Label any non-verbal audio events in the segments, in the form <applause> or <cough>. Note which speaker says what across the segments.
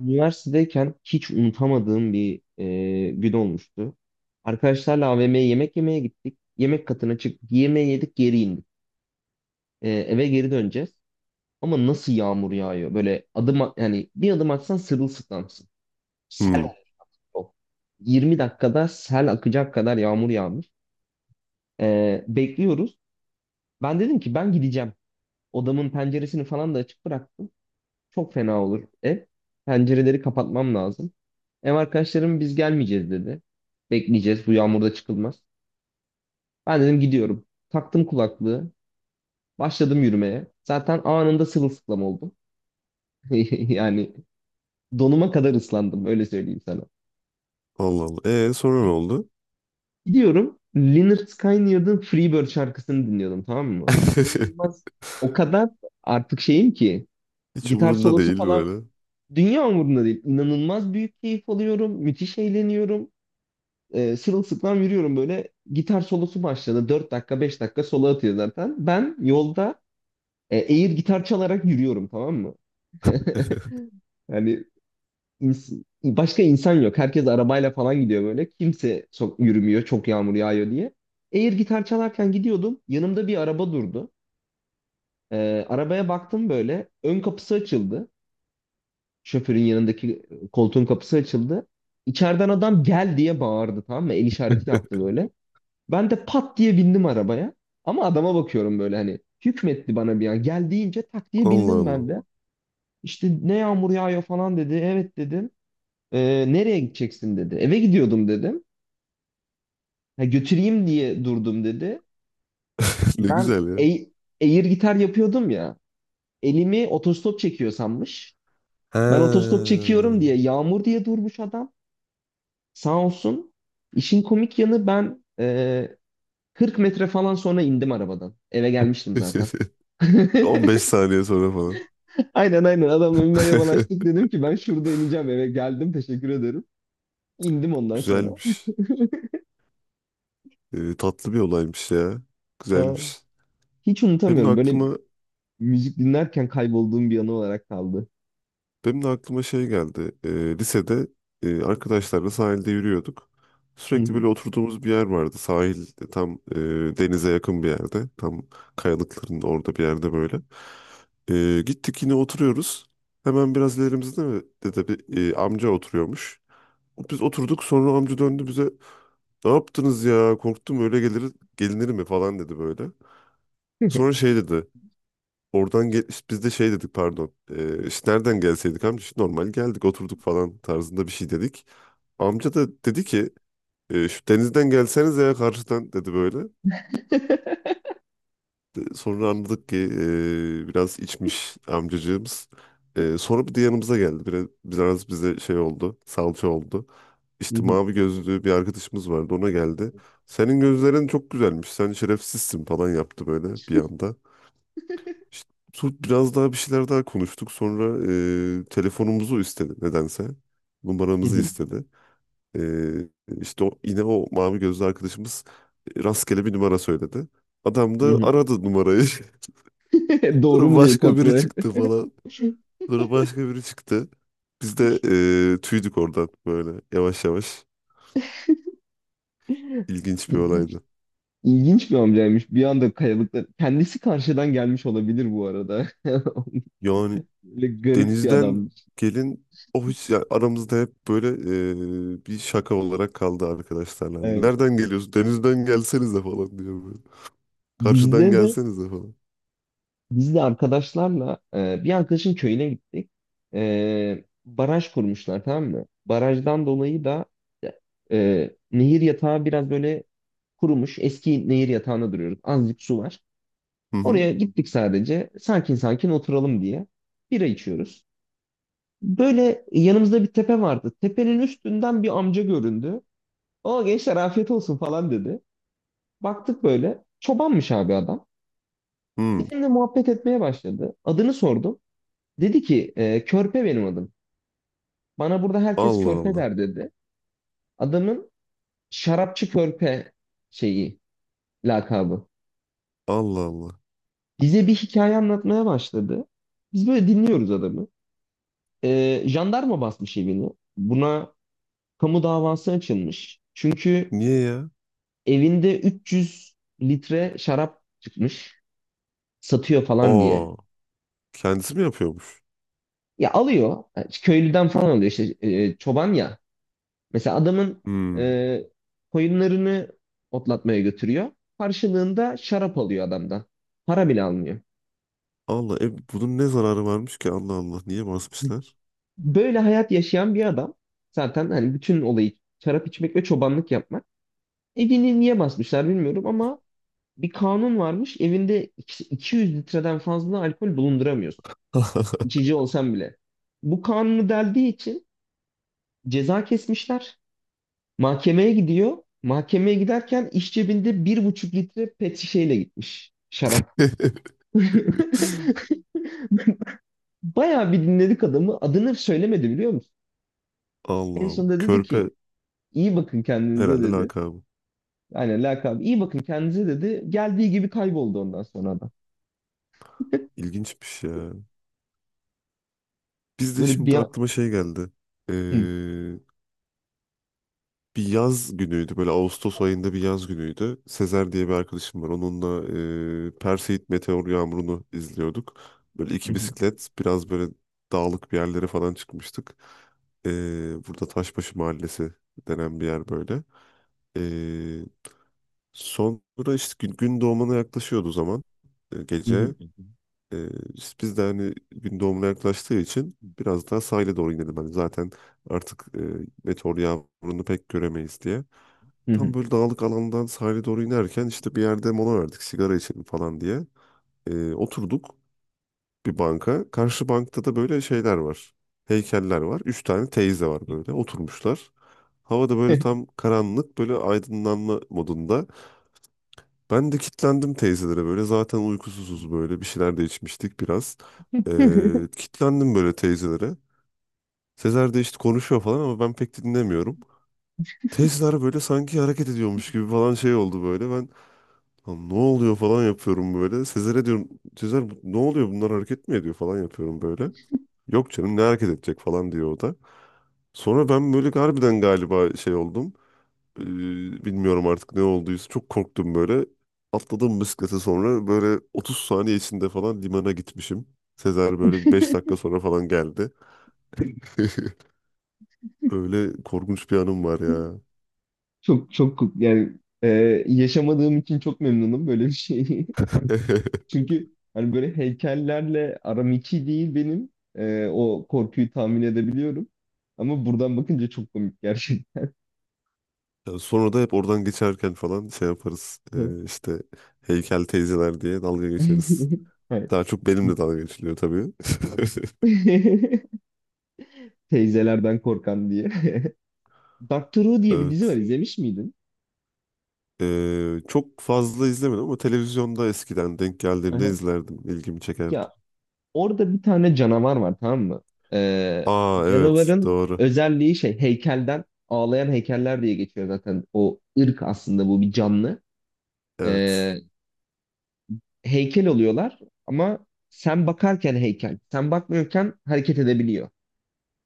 Speaker 1: Üniversitedeyken hiç unutamadığım bir gün olmuştu. Arkadaşlarla AVM'ye yemek yemeye gittik. Yemek katına çıktık. Yemeği yedik, geri indik. Eve geri döneceğiz. Ama nasıl yağmur yağıyor? Böyle yani bir adım atsan sırılsıklamsın. Sel
Speaker 2: Hmm.
Speaker 1: oluyor. 20 dakikada sel akacak kadar yağmur yağmış. Bekliyoruz. Ben dedim ki ben gideceğim. Odamın penceresini falan da açık bıraktım. Çok fena olur ev pencereleri, kapatmam lazım. Ev arkadaşlarım biz gelmeyeceğiz dedi. Bekleyeceğiz. Bu yağmurda çıkılmaz. Ben dedim gidiyorum. Taktım kulaklığı. Başladım yürümeye. Zaten anında sırılsıklam oldum. <laughs> Yani donuma kadar ıslandım. Öyle söyleyeyim sana.
Speaker 2: Allah Allah. Sonra ne oldu?
Speaker 1: Gidiyorum. Lynyrd Skynyrd'ın Freebird şarkısını dinliyordum, tamam mı?
Speaker 2: <laughs>
Speaker 1: İnanılmaz. O kadar artık şeyim ki.
Speaker 2: Hiç
Speaker 1: Gitar
Speaker 2: umurunda
Speaker 1: solosu
Speaker 2: değil
Speaker 1: falan,
Speaker 2: böyle.
Speaker 1: dünya umurumda değil. İnanılmaz büyük keyif alıyorum. Müthiş eğleniyorum. Sırılsıklam yürüyorum böyle. Gitar solosu başladı. Dört dakika, 5 dakika solo atıyor zaten. Ben yolda air gitar çalarak yürüyorum, tamam mı? <laughs> Yani başka insan yok. Herkes arabayla falan gidiyor böyle. Kimse sok yürümüyor, çok yağmur yağıyor diye. Air gitar çalarken gidiyordum. Yanımda bir araba durdu. Arabaya baktım böyle. Ön kapısı açıldı. Şoförün yanındaki koltuğun kapısı açıldı. İçeriden adam gel diye bağırdı, tamam mı? El işareti yaptı
Speaker 2: <laughs>
Speaker 1: böyle. Ben de pat diye bindim arabaya. Ama adama bakıyorum böyle, hani hükmetti bana bir an. Gel deyince tak diye
Speaker 2: Allah
Speaker 1: bindim
Speaker 2: Allah.
Speaker 1: ben de. İşte ne yağmur yağıyor falan dedi. Evet dedim. Nereye gideceksin" dedi. Eve gidiyordum dedim. "Ha, götüreyim diye durdum" dedi.
Speaker 2: <laughs> Ne
Speaker 1: Ben
Speaker 2: güzel ya.
Speaker 1: ey- Air gitar yapıyordum ya. Elimi otostop çekiyor sanmış. Ben otostop
Speaker 2: Ha.
Speaker 1: çekiyorum diye, yağmur diye durmuş adam. Sağ olsun. İşin komik yanı, ben 40 metre falan sonra indim arabadan. Eve gelmiştim zaten.
Speaker 2: <laughs>
Speaker 1: <laughs>
Speaker 2: 15 saniye sonra falan.
Speaker 1: Aynen, aynen. Adamla bir merhabalaştık,
Speaker 2: <laughs>
Speaker 1: dedim ki ben şurada ineceğim, eve geldim, teşekkür ederim. İndim ondan sonra. <laughs>
Speaker 2: Güzelmiş. Tatlı bir olaymış ya.
Speaker 1: Ha,
Speaker 2: Güzelmiş.
Speaker 1: hiç
Speaker 2: Benim de
Speaker 1: unutamıyorum böyle,
Speaker 2: aklıma
Speaker 1: müzik dinlerken kaybolduğum bir anı olarak kaldı.
Speaker 2: Benim de aklıma şey geldi. Lisede arkadaşlarla sahilde yürüyorduk.
Speaker 1: Hı
Speaker 2: Sürekli
Speaker 1: hı.
Speaker 2: böyle oturduğumuz bir yer vardı. Sahil tam denize yakın bir yerde. Tam kayalıkların orada bir yerde böyle. Gittik yine oturuyoruz. Hemen biraz ilerimizde de bir amca oturuyormuş. Biz oturduk, sonra amca döndü bize. Ne yaptınız ya, korktum, öyle gelinir mi falan dedi böyle. Sonra
Speaker 1: <laughs>
Speaker 2: şey dedi. Oradan gel işte, biz de şey dedik, pardon. İşte nereden gelseydik amca, işte normal geldik oturduk falan tarzında bir şey dedik. Amca da dedi ki: "Şu denizden gelseniz ya, karşıdan" dedi böyle. Sonra anladık ki biraz içmiş amcacığımız. Sonra bir de yanımıza geldi. Biraz, biraz bize şey oldu, salça oldu.
Speaker 1: Hı
Speaker 2: İşte
Speaker 1: hı.
Speaker 2: mavi gözlü bir arkadaşımız vardı, ona geldi. Senin gözlerin çok güzelmiş, sen şerefsizsin falan yaptı böyle bir anda. İşte biraz daha bir şeyler daha konuştuk. Sonra telefonumuzu istedi nedense.
Speaker 1: Hı
Speaker 2: Numaramızı
Speaker 1: hı.
Speaker 2: istedi. E, işte o, yine o mavi gözlü arkadaşımız rastgele bir numara söyledi. Adam
Speaker 1: Hı
Speaker 2: da
Speaker 1: hı.
Speaker 2: aradı numarayı. <laughs>
Speaker 1: <laughs> Doğru
Speaker 2: Sonra
Speaker 1: mu diye
Speaker 2: başka
Speaker 1: kontrol
Speaker 2: biri
Speaker 1: et.
Speaker 2: çıktı falan.
Speaker 1: <laughs>
Speaker 2: Sonra başka biri çıktı. Biz de tüydük oradan böyle yavaş yavaş. İlginç bir
Speaker 1: İlginç,
Speaker 2: olaydı.
Speaker 1: ilginç bir amcaymış. Bir anda kayalıklar. Kendisi karşıdan gelmiş olabilir bu arada.
Speaker 2: Yani
Speaker 1: <laughs> Böyle garip bir
Speaker 2: denizden
Speaker 1: adammış.
Speaker 2: gelin o hiç ya, aramızda hep böyle bir şaka olarak kaldı arkadaşlarla. Hani,
Speaker 1: Evet.
Speaker 2: nereden geliyorsun? Denizden gelsenize falan diyor böyle. Karşıdan
Speaker 1: Bizde de
Speaker 2: gelsenize falan.
Speaker 1: Biz de arkadaşlarla bir arkadaşın köyüne gittik. Baraj kurmuşlar, tamam mı? Barajdan dolayı da nehir yatağı biraz böyle kurumuş. Eski nehir yatağına duruyoruz. Azıcık su var.
Speaker 2: Hı hı.
Speaker 1: Oraya gittik sadece. Sakin sakin oturalım diye. Bira içiyoruz. Böyle yanımızda bir tepe vardı. Tepenin üstünden bir amca göründü. O, gençler afiyet olsun falan dedi. Baktık böyle. Çobanmış abi adam.
Speaker 2: Hı.
Speaker 1: Bizimle muhabbet etmeye başladı. Adını sordum. Dedi ki Körpe benim adım. Bana burada herkes
Speaker 2: Allah
Speaker 1: Körpe
Speaker 2: Allah.
Speaker 1: der dedi. Adamın şarapçı Körpe şeyi, lakabı.
Speaker 2: Allah Allah.
Speaker 1: Bize bir hikaye anlatmaya başladı. Biz böyle dinliyoruz adamı. Jandarma basmış evini. Buna kamu davası açılmış. Çünkü
Speaker 2: Niye ya?
Speaker 1: evinde 300 litre şarap çıkmış. Satıyor falan diye.
Speaker 2: Aa, kendisi mi yapıyormuş?
Speaker 1: Ya alıyor. Köylüden falan alıyor işte, çoban ya. Mesela adamın
Speaker 2: Hmm.
Speaker 1: e, koyunlarını otlatmaya götürüyor. Karşılığında şarap alıyor adamdan. Para bile almıyor.
Speaker 2: Allah, bunun ne zararı varmış ki, Allah Allah, niye basmışlar?
Speaker 1: Böyle hayat yaşayan bir adam, zaten hani bütün olayı şarap içmek ve çobanlık yapmak. Evini niye basmışlar bilmiyorum ama bir kanun varmış. Evinde 200 litreden fazla alkol bulunduramıyorsun.
Speaker 2: <laughs>
Speaker 1: İçici olsan bile. Bu kanunu deldiği için ceza kesmişler. Mahkemeye gidiyor. Mahkemeye giderken iş cebinde bir buçuk litre pet şişeyle gitmiş şarap. Bayağı bir dinledik adamı. Adını söylemedi biliyor musun?
Speaker 2: Allah
Speaker 1: En
Speaker 2: Allah.
Speaker 1: sonunda dedi ki
Speaker 2: Körpe
Speaker 1: iyi bakın kendinize
Speaker 2: herhalde
Speaker 1: dedi.
Speaker 2: lakabı.
Speaker 1: Aynen, lakabı iyi bakın kendinize dedi. Geldiği gibi kayboldu ondan sonra adam.
Speaker 2: İlginçmiş ya. Biz de
Speaker 1: Böyle bir
Speaker 2: şimdi
Speaker 1: an...
Speaker 2: aklıma şey geldi.
Speaker 1: Hı,
Speaker 2: Bir yaz günüydü böyle, Ağustos ayında bir yaz günüydü. Sezer diye bir arkadaşım var. Onunla Perseid meteor yağmurunu izliyorduk. Böyle iki
Speaker 1: hı,
Speaker 2: bisiklet biraz böyle dağlık bir yerlere falan çıkmıştık. E, burada Taşbaşı Mahallesi denen bir yer böyle. E, sonra işte gün doğumuna yaklaşıyordu o zaman,
Speaker 1: hı, hı,
Speaker 2: gece. E, işte biz de hani gün doğumuna yaklaştığı için biraz daha sahile doğru inelim, hani zaten artık meteor yağmurunu pek göremeyiz diye.
Speaker 1: hı,
Speaker 2: Tam
Speaker 1: hı.
Speaker 2: böyle dağlık alandan sahile doğru inerken işte bir yerde mola verdik, sigara içelim falan diye. Oturduk bir banka. Karşı bankta da böyle şeyler var. Heykeller var. Üç tane teyze var, böyle oturmuşlar. Havada böyle tam
Speaker 1: <laughs>
Speaker 2: karanlık, böyle aydınlanma modunda. Ben de kitlendim teyzelere, böyle zaten uykusuzuz, böyle bir şeyler de içmiştik biraz. Kitlendim böyle teyzelere. Sezer de işte konuşuyor falan ama ben pek dinlemiyorum. Teyzeler böyle sanki hareket ediyormuş gibi falan şey oldu böyle. Ben lan ne oluyor falan yapıyorum böyle. Sezer'e diyorum, Sezer ne oluyor, bunlar hareket mi ediyor falan yapıyorum böyle. Yok canım, ne hareket edecek falan diyor o da. Sonra ben böyle harbiden galiba şey oldum. Ee, bilmiyorum artık ne olduysa, çok korktum böyle. Atladım bisiklete, sonra böyle 30 saniye içinde falan limana gitmişim. Sezer böyle 5 dakika sonra falan geldi. <laughs> Öyle korkunç bir anım var ya.
Speaker 1: Çok çok yani, yaşamadığım için çok memnunum böyle bir şeyi.
Speaker 2: <laughs>
Speaker 1: <laughs> Çünkü hani böyle heykellerle aram iki değil benim. O korkuyu tahmin edebiliyorum. Ama buradan bakınca çok komik gerçekten.
Speaker 2: Yani sonra da hep oradan geçerken falan şey yaparız.
Speaker 1: <laughs>
Speaker 2: İşte heykel teyzeler diye dalga geçeriz.
Speaker 1: Hayır.
Speaker 2: Daha çok benimle dalga geçiliyor tabii. <laughs>
Speaker 1: <laughs> Teyzelerden korkan diye. <laughs> Doctor Who diye bir dizi var,
Speaker 2: Evet.
Speaker 1: izlemiş miydin?
Speaker 2: Çok fazla izlemedim ama televizyonda eskiden denk geldiğimde
Speaker 1: Aha.
Speaker 2: izlerdim. İlgimi çekerdi.
Speaker 1: Ya orada bir tane canavar var, tamam mı? Ee,
Speaker 2: Aa, evet,
Speaker 1: Canavarın
Speaker 2: doğru.
Speaker 1: özelliği şey, heykelden ağlayan heykeller diye geçiyor zaten. O ırk aslında bu, bir canlı.
Speaker 2: Evet.
Speaker 1: Ee, Heykel oluyorlar ama sen bakarken heykel. Sen bakmıyorken hareket edebiliyor.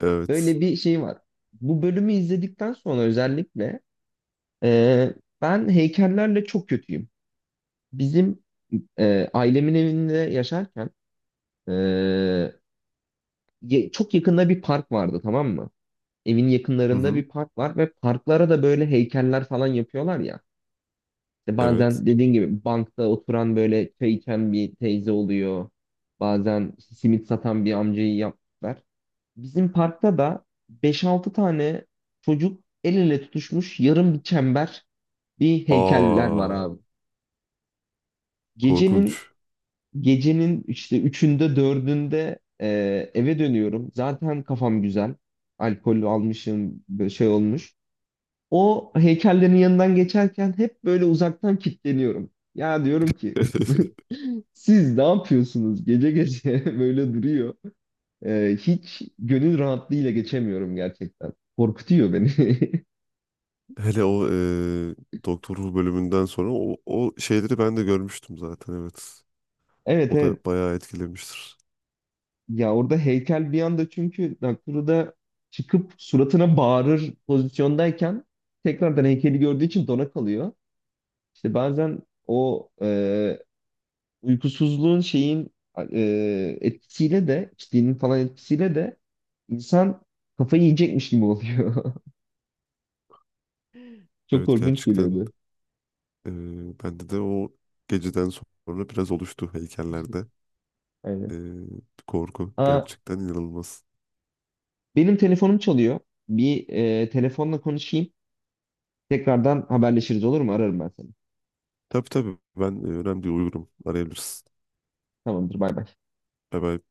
Speaker 2: Evet.
Speaker 1: Böyle bir şey var. Bu bölümü izledikten sonra özellikle ee, ben heykellerle çok kötüyüm. Bizim ailemin evinde yaşarken, e, çok yakında bir park vardı, tamam mı? Evin
Speaker 2: Hı
Speaker 1: yakınlarında
Speaker 2: hı.
Speaker 1: bir park var ve parklara da böyle heykeller falan yapıyorlar ya. İşte
Speaker 2: Evet.
Speaker 1: bazen dediğin gibi bankta oturan böyle çay içen bir teyze oluyor. Bazen simit satan bir amcayı yaptılar. Bizim parkta da beş-altı tane çocuk el ele tutuşmuş, yarım bir çember bir heykeller var
Speaker 2: Aa,
Speaker 1: abi.
Speaker 2: korkunç.
Speaker 1: Gecenin Gecenin işte üçünde, dördünde, eve dönüyorum. Zaten kafam güzel. Alkol almışım, böyle şey olmuş. O heykellerin yanından geçerken hep böyle uzaktan kilitleniyorum. Ya diyorum ki
Speaker 2: <laughs>
Speaker 1: <laughs> siz ne yapıyorsunuz gece gece <laughs> böyle duruyor. Hiç gönül rahatlığıyla geçemiyorum gerçekten. Korkutuyor beni. <laughs>
Speaker 2: Hele o Doktor Who bölümünden sonra o şeyleri ben de görmüştüm zaten, evet.
Speaker 1: Evet,
Speaker 2: O da
Speaker 1: evet.
Speaker 2: bayağı etkilemiştir.
Speaker 1: Ya orada heykel bir anda, çünkü Nakuru da çıkıp suratına bağırır pozisyondayken tekrardan heykeli gördüğü için dona kalıyor. İşte bazen o uykusuzluğun şeyin, etkisiyle de içtiğinin falan etkisiyle de insan kafayı yiyecekmiş gibi oluyor. <laughs> Çok
Speaker 2: Evet,
Speaker 1: korkunç
Speaker 2: gerçekten
Speaker 1: geliyordu.
Speaker 2: bende de o geceden sonra biraz oluştu heykellerde. E,
Speaker 1: Aynen.
Speaker 2: korku
Speaker 1: Aa,
Speaker 2: gerçekten inanılmaz.
Speaker 1: benim telefonum çalıyor. Bir telefonla konuşayım. Tekrardan haberleşiriz, olur mu? Ararım ben seni.
Speaker 2: Tabii tabii, ben önemli uyurum. Arayabilirsin.
Speaker 1: Tamamdır, bay bay.
Speaker 2: Bye bye.